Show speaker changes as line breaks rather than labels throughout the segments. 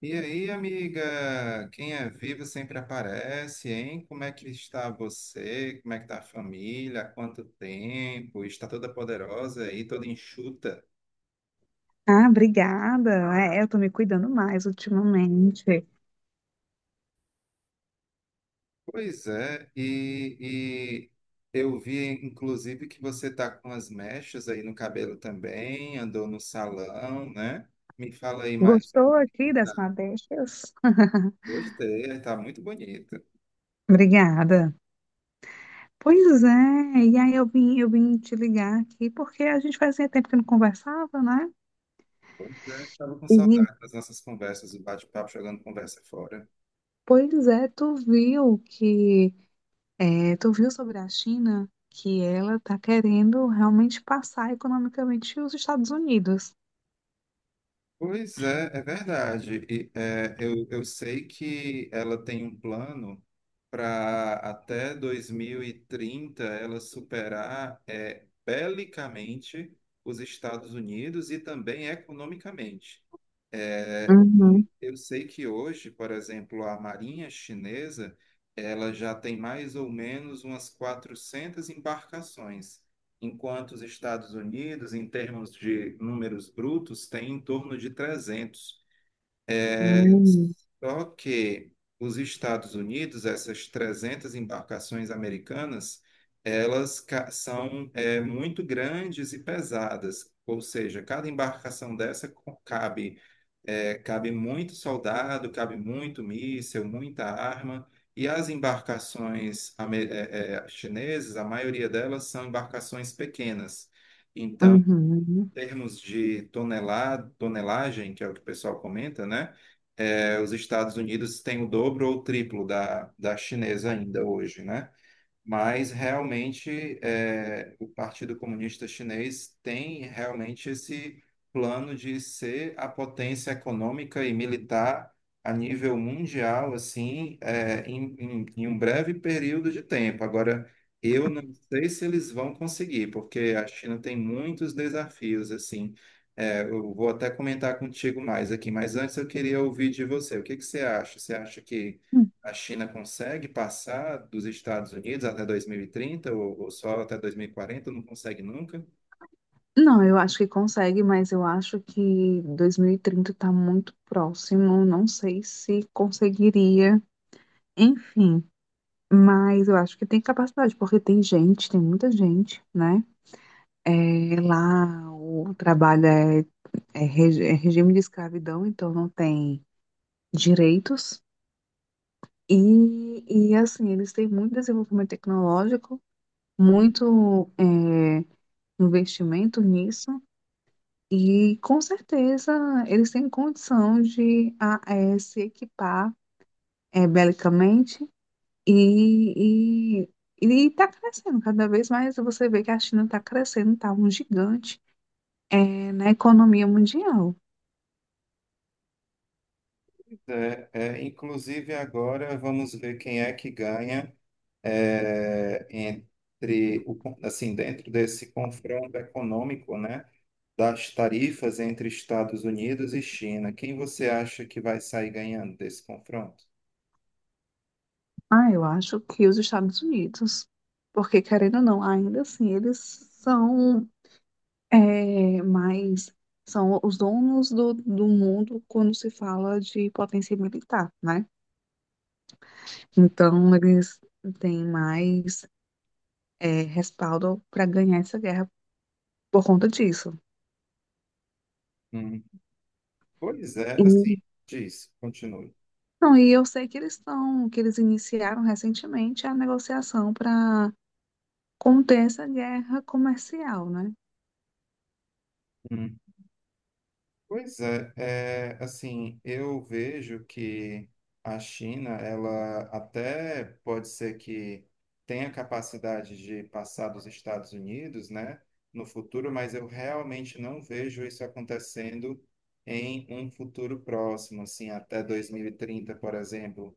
E aí, amiga? Quem é vivo sempre aparece, hein? Como é que está você? Como é que está a família? Há quanto tempo? Está toda poderosa aí, toda enxuta?
Ah, obrigada. Eu tô me cuidando mais ultimamente.
Pois é, e eu vi, inclusive, que você está com as mechas aí no cabelo também, andou no salão, né? Me fala aí mais como
Gostou
é que tu
aqui
tá.
das madeixas?
Gostei, está muito bonito.
Obrigada. Pois é, e aí eu vim te ligar aqui porque a gente fazia tempo que não conversava, né?
Pois é, estava com
E,
saudade das nossas conversas, o bate-papo jogando conversa fora.
Pois é, tu viu sobre a China que ela tá querendo realmente passar economicamente os Estados Unidos.
Pois é, é verdade. E, é, eu sei que ela tem um plano para até 2030 ela superar belicamente os Estados Unidos e também economicamente. É, hoje,
Uhum.
eu sei que hoje, por exemplo, a Marinha Chinesa, ela já tem mais ou menos umas 400 embarcações, enquanto os Estados Unidos, em termos de números brutos, tem em torno de 300.
Uhum.
Só que os Estados Unidos, essas 300 embarcações americanas, são muito grandes e pesadas, ou seja, cada embarcação dessa co- cabe, cabe muito soldado, cabe muito míssil, muita arma, e as embarcações chinesas, a maioria delas são embarcações pequenas. Então,
Uhum.
termos de tonelada, tonelagem, que é o que o pessoal comenta, né? É, os Estados Unidos têm o dobro ou o triplo da chinesa ainda hoje, né? Mas realmente o Partido Comunista Chinês tem realmente esse plano de ser a potência econômica e militar a nível mundial, assim, em um breve período de tempo. Agora, eu não sei se eles vão conseguir, porque a China tem muitos desafios, assim. É, eu vou até comentar contigo mais aqui, mas antes eu queria ouvir de você. O que que você acha? Você acha que a China consegue passar dos Estados Unidos até 2030 ou só até 2040? Não consegue nunca?
Não, eu acho que consegue, mas eu acho que 2030 está muito próximo. Não sei se conseguiria, enfim, mas eu acho que tem capacidade, porque tem gente, tem muita gente, né? É, lá o trabalho é, é regi- é regime de escravidão, então não tem direitos. E, e assim, eles têm muito desenvolvimento tecnológico, muito investimento nisso. E com certeza eles têm condição de se equipar belicamente e, e, e está crescendo cada vez mais. Você vê que a China está crescendo, está um gigante na economia mundial.
Inclusive, agora vamos ver quem é que ganha entre o, assim, dentro desse confronto econômico, né, das tarifas entre Estados Unidos e China. Quem você acha que vai sair ganhando desse confronto?
Ah, eu acho que os Estados Unidos, porque querendo ou não, ainda assim eles são eh, mais são os donos do, do mundo quando se fala de potência militar, né? Então, eles têm mais respaldo para ganhar essa guerra por conta disso.
Hum. Pois é,
E,
assim, diz, continue.
não, e eu sei que que eles iniciaram recentemente a negociação para conter essa guerra comercial, né?
Pois é, assim, eu vejo que a China, ela até pode ser que tenha capacidade de passar dos Estados Unidos, né, no futuro, mas eu realmente não vejo isso acontecendo em um futuro próximo, assim, até 2030, por exemplo.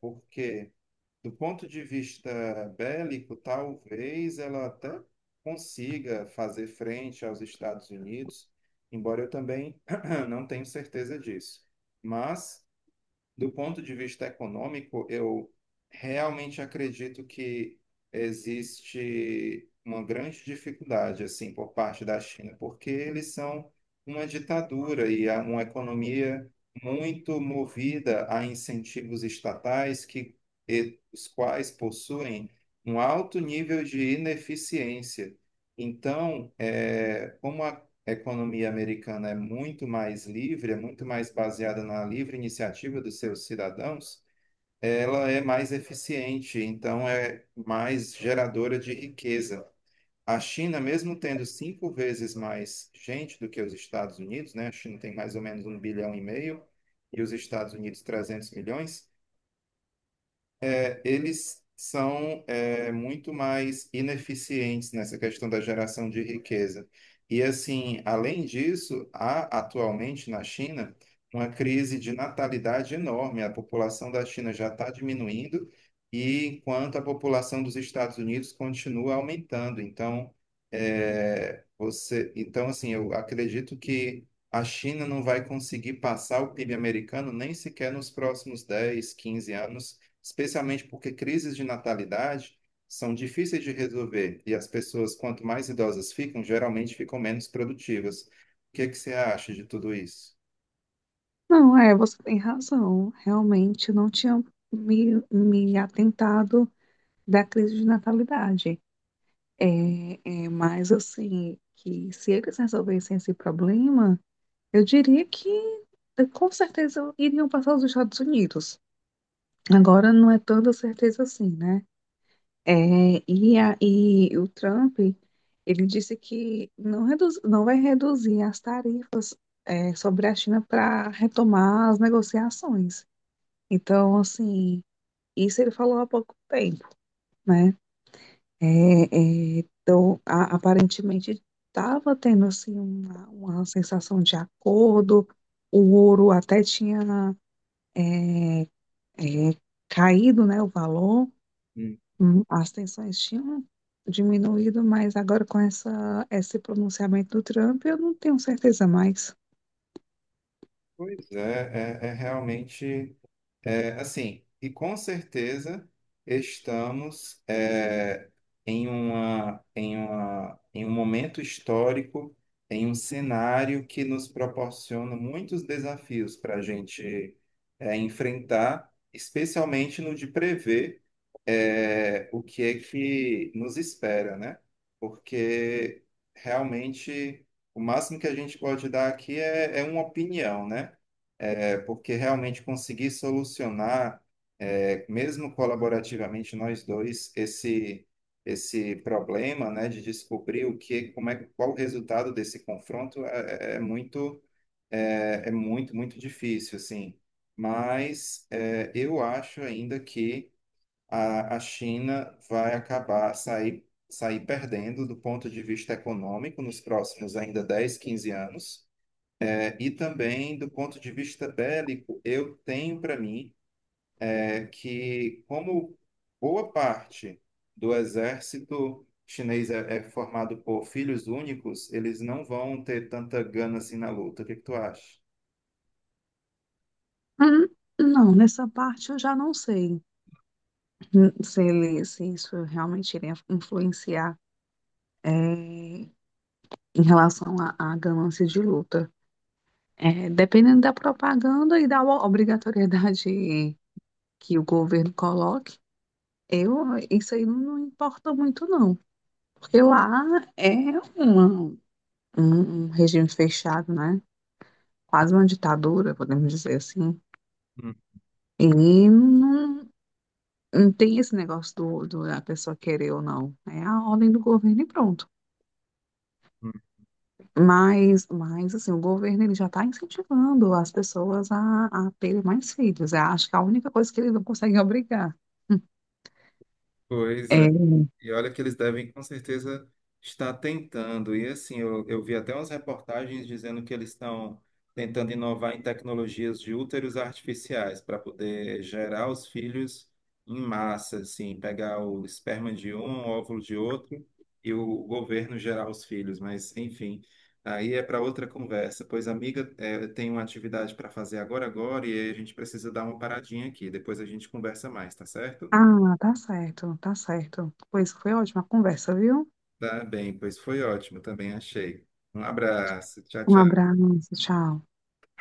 Por quê? Do ponto de vista bélico, talvez ela até consiga fazer frente aos Estados Unidos, embora eu também não tenha certeza disso. Mas do ponto de vista econômico, eu realmente acredito que existe uma grande dificuldade assim por parte da China, porque eles são uma ditadura e há uma economia muito movida a incentivos estatais que os quais possuem um alto nível de ineficiência. Então, como a economia americana é muito mais livre, é muito mais baseada na livre iniciativa dos seus cidadãos, ela é mais eficiente, então é mais geradora de riqueza. A China, mesmo tendo 5 vezes mais gente do que os Estados Unidos, né? A China tem mais ou menos 1,5 bilhão e os Estados Unidos 300 milhões, eles são muito mais ineficientes nessa questão da geração de riqueza. E assim, além disso, há atualmente na China uma crise de natalidade enorme. A população da China já está diminuindo, e enquanto a população dos Estados Unidos continua aumentando. Então, eu acredito que a China não vai conseguir passar o PIB americano nem sequer nos próximos 10 15 anos, especialmente porque crises de natalidade são difíceis de resolver e as pessoas, quanto mais idosas ficam, geralmente ficam menos produtivas. O que é que você acha de tudo isso?
Não, é, você tem razão. Realmente não tinha me atentado da crise de natalidade. Mas assim, que se eles resolvessem esse problema, eu diria que com certeza iriam passar os Estados Unidos. Agora não é tanta certeza assim, né? E o Trump, ele disse que não vai reduzir as tarifas sobre a China para retomar as negociações. Então, assim, isso ele falou há pouco tempo, né? É, então, aparentemente estava tendo assim uma sensação de acordo. O ouro até tinha é, é, caído, né, o valor,
Hum.
as tensões tinham diminuído, mas agora com esse pronunciamento do Trump, eu não tenho certeza mais.
Pois é, é realmente. Assim, e com certeza estamos em um momento histórico, em um cenário que nos proporciona muitos desafios para a gente enfrentar, especialmente no de prever o que é que nos espera, né? Porque realmente o máximo que a gente pode dar aqui é uma opinião, né? Porque realmente conseguir solucionar, mesmo colaborativamente nós dois, esse problema, né, de descobrir o que, como é, qual o resultado desse confronto é muito difícil, assim. Mas eu acho ainda que a China vai acabar sair perdendo do ponto de vista econômico nos próximos ainda 10, 15 anos e também, do ponto de vista bélico, eu tenho para mim é que, como boa parte do exército chinês é formado por filhos únicos, eles não vão ter tanta gana assim na luta. O que que tu acha?
Hum. Não, nessa parte eu já não sei, se isso realmente iria influenciar é, em relação à ganância de luta. É, dependendo da propaganda e da obrigatoriedade que o governo coloque, eu, isso aí não importa muito, não. Porque lá é uma- um, um regime fechado, né? Quase uma ditadura, podemos dizer assim.
Hum,
E não, não tem esse negócio do, do da pessoa querer ou não. É a ordem do governo e pronto.
hum.
Mas assim, o governo ele já está incentivando as pessoas a terem mais filhos. Eu acho que a única coisa que ele não consegue obrigar.
Pois
É.
e olha que eles devem com certeza estar tentando. E assim, eu vi até umas reportagens dizendo que eles estão tentando inovar em tecnologias de úteros artificiais para poder gerar os filhos em massa, assim, pegar o esperma de um, o óvulo de outro e o governo gerar os filhos. Mas, enfim, aí é para outra conversa. Pois, amiga, eu tenho uma atividade para fazer agora, e aí a gente precisa dar uma paradinha aqui. Depois a gente conversa mais, tá certo?
Ah, tá certo, tá certo. Pois foi ótima a conversa, viu?
Tá bem, pois foi ótimo, também achei. Um abraço, tchau,
Um
tchau.
abraço, tchau.